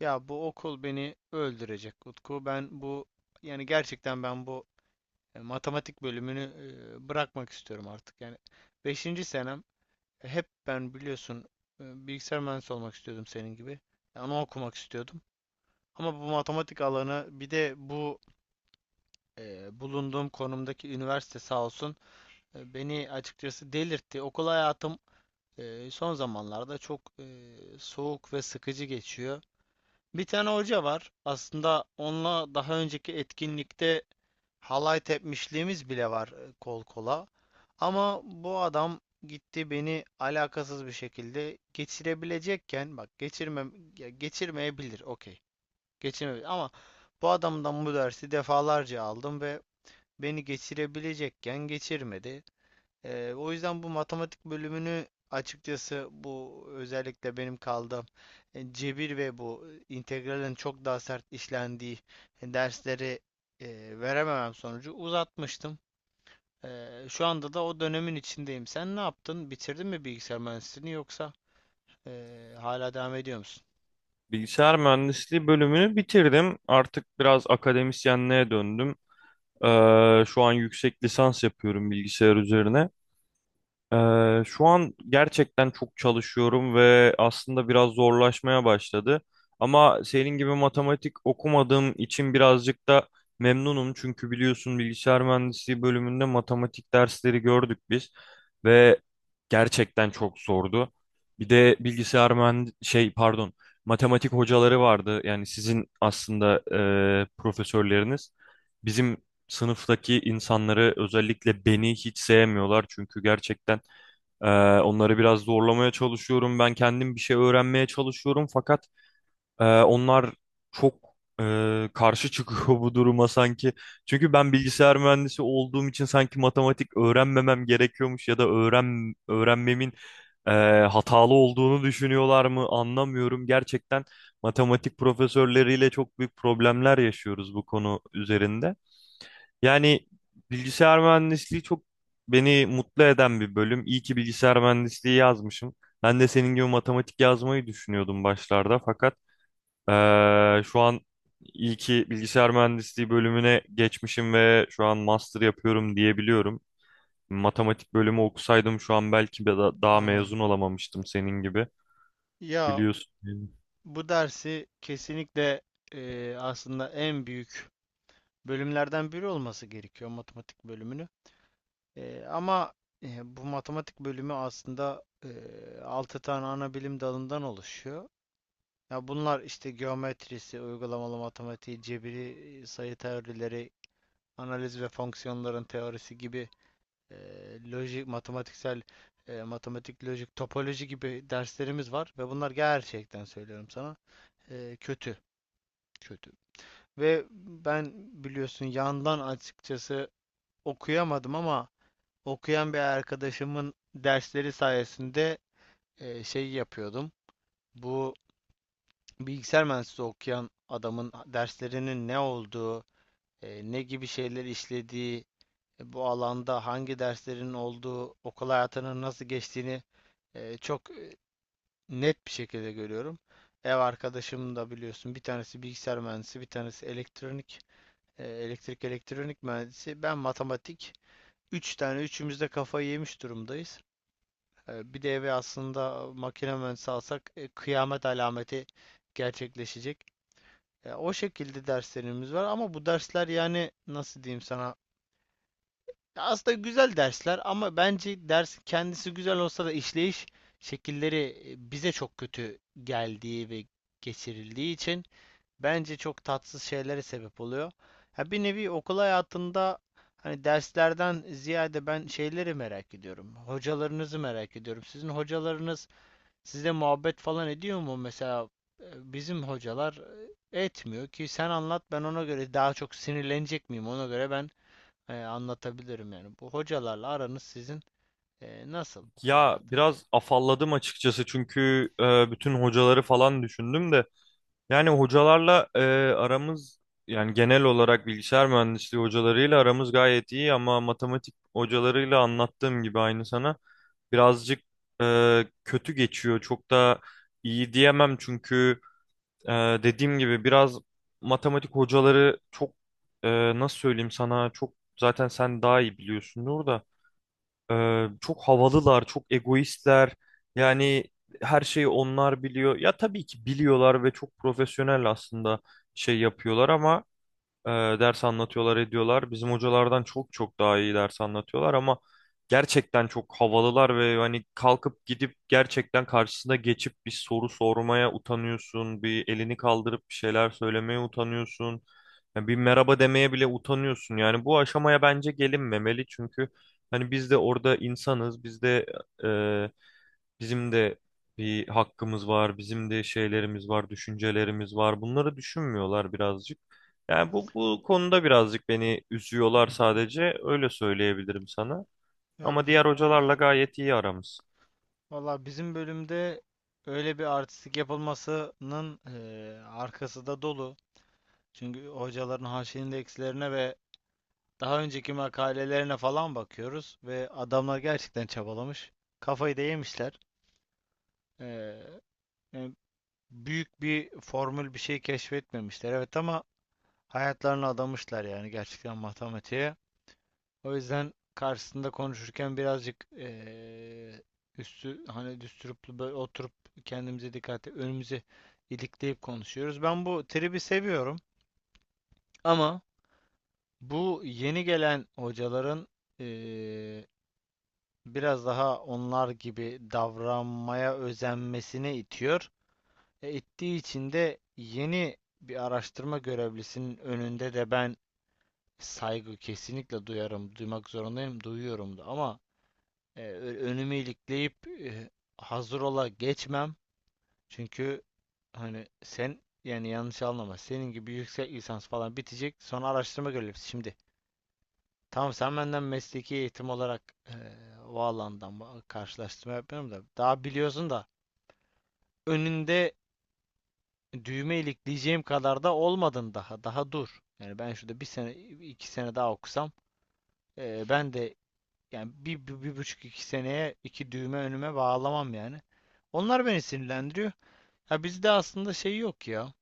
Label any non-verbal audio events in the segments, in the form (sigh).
Ya bu okul beni öldürecek Utku. Ben bu yani gerçekten ben bu e, Matematik bölümünü bırakmak istiyorum artık. Yani beşinci senem, hep ben biliyorsun, bilgisayar mühendisi olmak istiyordum senin gibi. Yani onu okumak istiyordum. Ama bu matematik alanı bir de bu, bulunduğum konumdaki üniversite sağ olsun, beni açıkçası delirtti. Okul hayatım son zamanlarda çok soğuk ve sıkıcı geçiyor. Bir tane hoca var. Aslında onunla daha önceki etkinlikte halay tepmişliğimiz bile var, kol kola. Ama bu adam gitti, beni alakasız bir şekilde geçirebilecekken, bak, geçirme ya, geçirmeyebilir, okey. Geçirmeyebilir ama bu adamdan bu dersi defalarca aldım ve beni geçirebilecekken geçirmedi. O yüzden bu matematik bölümünü açıkçası, bu özellikle benim kaldığım, cebir ve bu integralin çok daha sert işlendiği dersleri verememem sonucu uzatmıştım. Şu anda da o dönemin içindeyim. Sen ne yaptın? Bitirdin mi bilgisayar mühendisliğini, yoksa hala devam ediyor musun? Bilgisayar mühendisliği bölümünü bitirdim. Artık biraz akademisyenliğe döndüm. Şu an yüksek lisans yapıyorum bilgisayar üzerine. Şu an gerçekten çok çalışıyorum ve aslında biraz zorlaşmaya başladı. Ama senin gibi matematik okumadığım için birazcık da memnunum. Çünkü biliyorsun bilgisayar mühendisliği bölümünde matematik dersleri gördük biz ve gerçekten çok zordu. Bir de bilgisayar mühend şey, pardon, matematik hocaları vardı. Yani sizin aslında profesörleriniz bizim sınıftaki insanları, özellikle beni, hiç sevmiyorlar. Çünkü gerçekten e, onları biraz zorlamaya çalışıyorum. Ben kendim bir şey öğrenmeye çalışıyorum fakat onlar çok karşı çıkıyor (laughs) bu duruma sanki. Çünkü ben bilgisayar mühendisi olduğum için sanki matematik öğrenmemem gerekiyormuş ya da öğrenmemin e, hatalı olduğunu düşünüyorlar mı anlamıyorum. Gerçekten matematik profesörleriyle çok büyük problemler yaşıyoruz bu konu üzerinde. Yani bilgisayar mühendisliği çok beni mutlu eden bir bölüm. İyi ki bilgisayar mühendisliği yazmışım. Ben de senin gibi matematik yazmayı düşünüyordum başlarda fakat şu an ilki bilgisayar mühendisliği bölümüne geçmişim ve şu an master yapıyorum diyebiliyorum. Matematik bölümü okusaydım şu an belki daha Anladım. mezun olamamıştım senin gibi, Ya biliyorsun. bu dersi kesinlikle, aslında en büyük bölümlerden biri olması gerekiyor matematik bölümünü. Ama bu matematik bölümü aslında 6 tane ana bilim dalından oluşuyor. Ya bunlar işte geometrisi, uygulamalı matematiği, cebiri, sayı teorileri, analiz ve fonksiyonların teorisi gibi, lojik, matematiksel, matematik, lojik, topoloji gibi derslerimiz var ve bunlar gerçekten söylüyorum sana, kötü, kötü. Ve ben biliyorsun yandan açıkçası okuyamadım, ama okuyan bir arkadaşımın dersleri sayesinde şey yapıyordum. Bu bilgisayar mühendisliği okuyan adamın derslerinin ne olduğu, ne gibi şeyler işlediği, bu alanda hangi derslerin olduğu, okul hayatının nasıl geçtiğini çok net bir şekilde görüyorum. Ev arkadaşım da biliyorsun, bir tanesi bilgisayar mühendisi, bir tanesi elektronik, elektrik elektronik mühendisi. Ben matematik. Üç tane üçümüz de kafayı yemiş durumdayız. Bir de eve aslında makine mühendisi alsak, kıyamet alameti gerçekleşecek. O şekilde derslerimiz var ama bu dersler, yani nasıl diyeyim sana? Ya aslında güzel dersler, ama bence ders kendisi güzel olsa da işleyiş şekilleri bize çok kötü geldiği ve geçirildiği için bence çok tatsız şeylere sebep oluyor. Ha, bir nevi okul hayatında. Hani derslerden ziyade ben şeyleri merak ediyorum. Hocalarınızı merak ediyorum. Sizin hocalarınız, sizde muhabbet falan ediyor mu? Mesela bizim hocalar etmiyor ki sen anlat, ben ona göre daha çok sinirlenecek miyim, ona göre ben anlatabilirim yani. Bu hocalarla aranız sizin nasıl okul Ya hayatınızda? biraz afalladım açıkçası çünkü bütün hocaları falan düşündüm de. Yani hocalarla aramız, yani genel olarak bilgisayar mühendisliği hocalarıyla aramız gayet iyi, ama matematik hocalarıyla anlattığım gibi aynı sana. Birazcık kötü geçiyor. Çok da iyi diyemem çünkü e, dediğim gibi biraz matematik hocaları çok, nasıl söyleyeyim sana, çok, zaten sen daha iyi biliyorsundur da, e, çok havalılar, çok egoistler. Yani her şeyi onlar biliyor. Ya tabii ki biliyorlar ve çok profesyonel aslında şey yapıyorlar ama e, ders anlatıyorlar, ediyorlar. Bizim hocalardan çok çok daha iyi ders anlatıyorlar ama gerçekten çok havalılar ve hani kalkıp gidip gerçekten karşısına geçip bir soru sormaya utanıyorsun. Bir elini kaldırıp bir şeyler söylemeye utanıyorsun. Ya bir merhaba demeye bile utanıyorsun. Yani bu aşamaya bence gelinmemeli çünkü hani biz de orada insanız. Biz de, e, bizim de bir hakkımız var, bizim de şeylerimiz var, düşüncelerimiz var. Bunları düşünmüyorlar birazcık. Yani bu konuda birazcık beni Hı üzüyorlar hı. sadece. Öyle söyleyebilirim sana. Ya Ama bi- diğer hocalarla gayet iyi aramız. Valla bizim bölümde öyle bir artistik yapılmasının arkası da dolu. Çünkü hocaların haşin eksilerine ve daha önceki makalelerine falan bakıyoruz ve adamlar gerçekten çabalamış. Kafayı da yemişler. Ee, Yani büyük bir formül, bir şey keşfetmemişler. Evet, ama hayatlarını adamışlar yani, gerçekten matematiğe. O yüzden karşısında konuşurken birazcık, üstü, hani düsturuplu, böyle oturup kendimize dikkat, önümüze ilikleyip konuşuyoruz. Ben bu tribi seviyorum, ama bu yeni gelen hocaların eee, biraz daha onlar gibi davranmaya özenmesine itiyor. İttiği için de yeni bir araştırma görevlisinin önünde de ben saygı kesinlikle duyarım, duymak zorundayım, duyuyorum da, ama önümü ilikleyip hazır ola geçmem. Çünkü hani sen, yani yanlış anlama, senin gibi yüksek lisans falan bitecek, sonra araştırma görevlisi şimdi. Tamam, sen benden mesleki eğitim olarak eee o alandan karşılaştırma yapmıyorum da, daha biliyorsun da, önünde düğme ilikleyeceğim kadar da olmadın daha, dur. Yani ben şurada bir sene iki sene daha okusam, ben de, yani bir buçuk iki seneye iki düğme önüme bağlamam yani. Onlar beni sinirlendiriyor. Ya bizde aslında şey yok ya.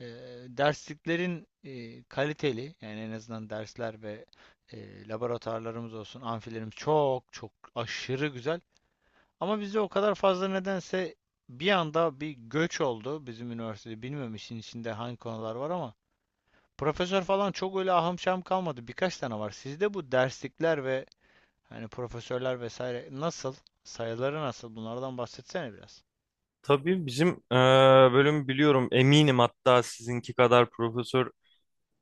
E, Dersliklerin kaliteli, yani en azından dersler ve laboratuvarlarımız olsun, amfilerimiz çok çok aşırı güzel. Ama bizde o kadar fazla, nedense bir anda bir göç oldu bizim üniversitede. Bilmiyorum işin içinde hangi konular var, ama profesör falan çok öyle ahım şahım kalmadı. Birkaç tane var. Sizde bu derslikler ve hani profesörler vesaire nasıl? Sayıları nasıl? Bunlardan bahsetsene biraz. Tabii bizim bölüm, biliyorum eminim, hatta sizinki kadar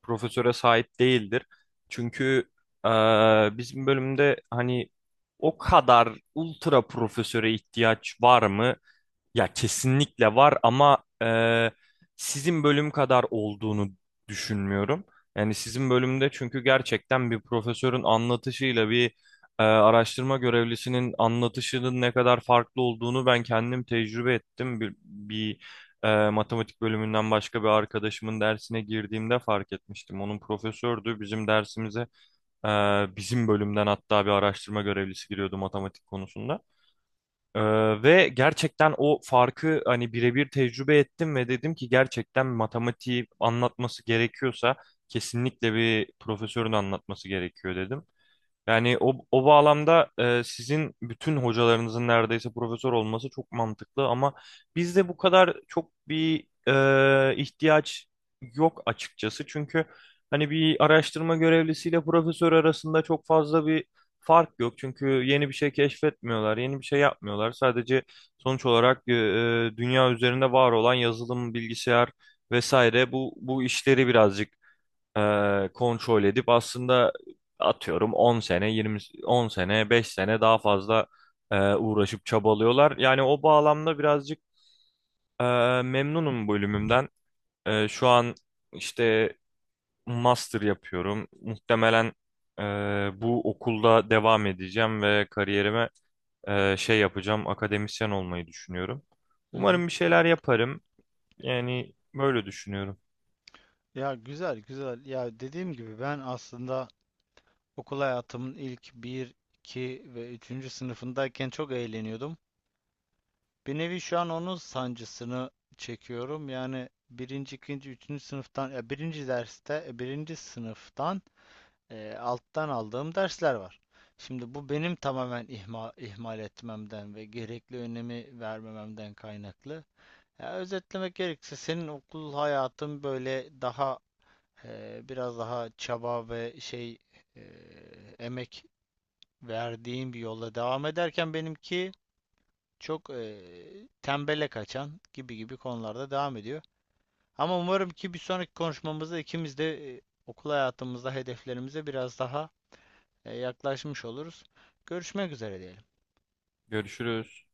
profesöre sahip değildir. Çünkü bizim bölümde hani o kadar ultra profesöre ihtiyaç var mı? Ya kesinlikle var ama sizin bölüm kadar olduğunu düşünmüyorum. Yani sizin bölümde çünkü gerçekten bir profesörün anlatışıyla bir araştırma görevlisinin anlatışının ne kadar farklı olduğunu ben kendim tecrübe ettim. Bir matematik bölümünden başka bir arkadaşımın dersine girdiğimde fark etmiştim. Onun profesördü, bizim dersimize e, bizim bölümden hatta bir araştırma görevlisi giriyordu matematik konusunda. Ee, Ve gerçekten o farkı hani birebir tecrübe ettim ve dedim ki gerçekten matematiği anlatması gerekiyorsa kesinlikle bir profesörün anlatması gerekiyor, dedim. Yani o bağlamda sizin bütün hocalarınızın neredeyse profesör olması çok mantıklı ama bizde bu kadar çok bir ihtiyaç yok açıkçası. Çünkü hani bir araştırma görevlisiyle profesör arasında çok fazla bir fark yok. Çünkü yeni bir şey keşfetmiyorlar, yeni bir şey yapmıyorlar. Sadece sonuç olarak dünya üzerinde var olan yazılım, bilgisayar vesaire bu işleri birazcık kontrol edip, aslında atıyorum 10 sene 20, 10 sene 5 sene daha fazla uğraşıp çabalıyorlar. Yani o bağlamda birazcık e, memnunum bölümümden. Şu an işte master yapıyorum. Muhtemelen e, bu okulda devam edeceğim ve kariyerime şey yapacağım, akademisyen olmayı düşünüyorum. Hı hı. Umarım bir şeyler yaparım. Yani böyle düşünüyorum. Ya, güzel güzel. Ya dediğim gibi, ben aslında okul hayatımın ilk bir, 2 ve üçüncü sınıfındayken çok eğleniyordum. Bir nevi şu an onun sancısını çekiyorum. Yani birinci, ikinci, üçüncü sınıftan, ya 1. derste, birinci sınıftan alttan aldığım dersler var. Şimdi bu benim tamamen ihmal etmemden ve gerekli önemi vermememden kaynaklı. Ya özetlemek gerekirse senin okul hayatın böyle daha biraz daha çaba ve şey, e, emek verdiğim bir yolla devam ederken, benimki çok tembele kaçan gibi gibi konularda devam ediyor. Ama umarım ki bir sonraki konuşmamızda ikimiz de okul hayatımızda hedeflerimize biraz daha yaklaşmış oluruz. Görüşmek üzere diyelim. Görüşürüz.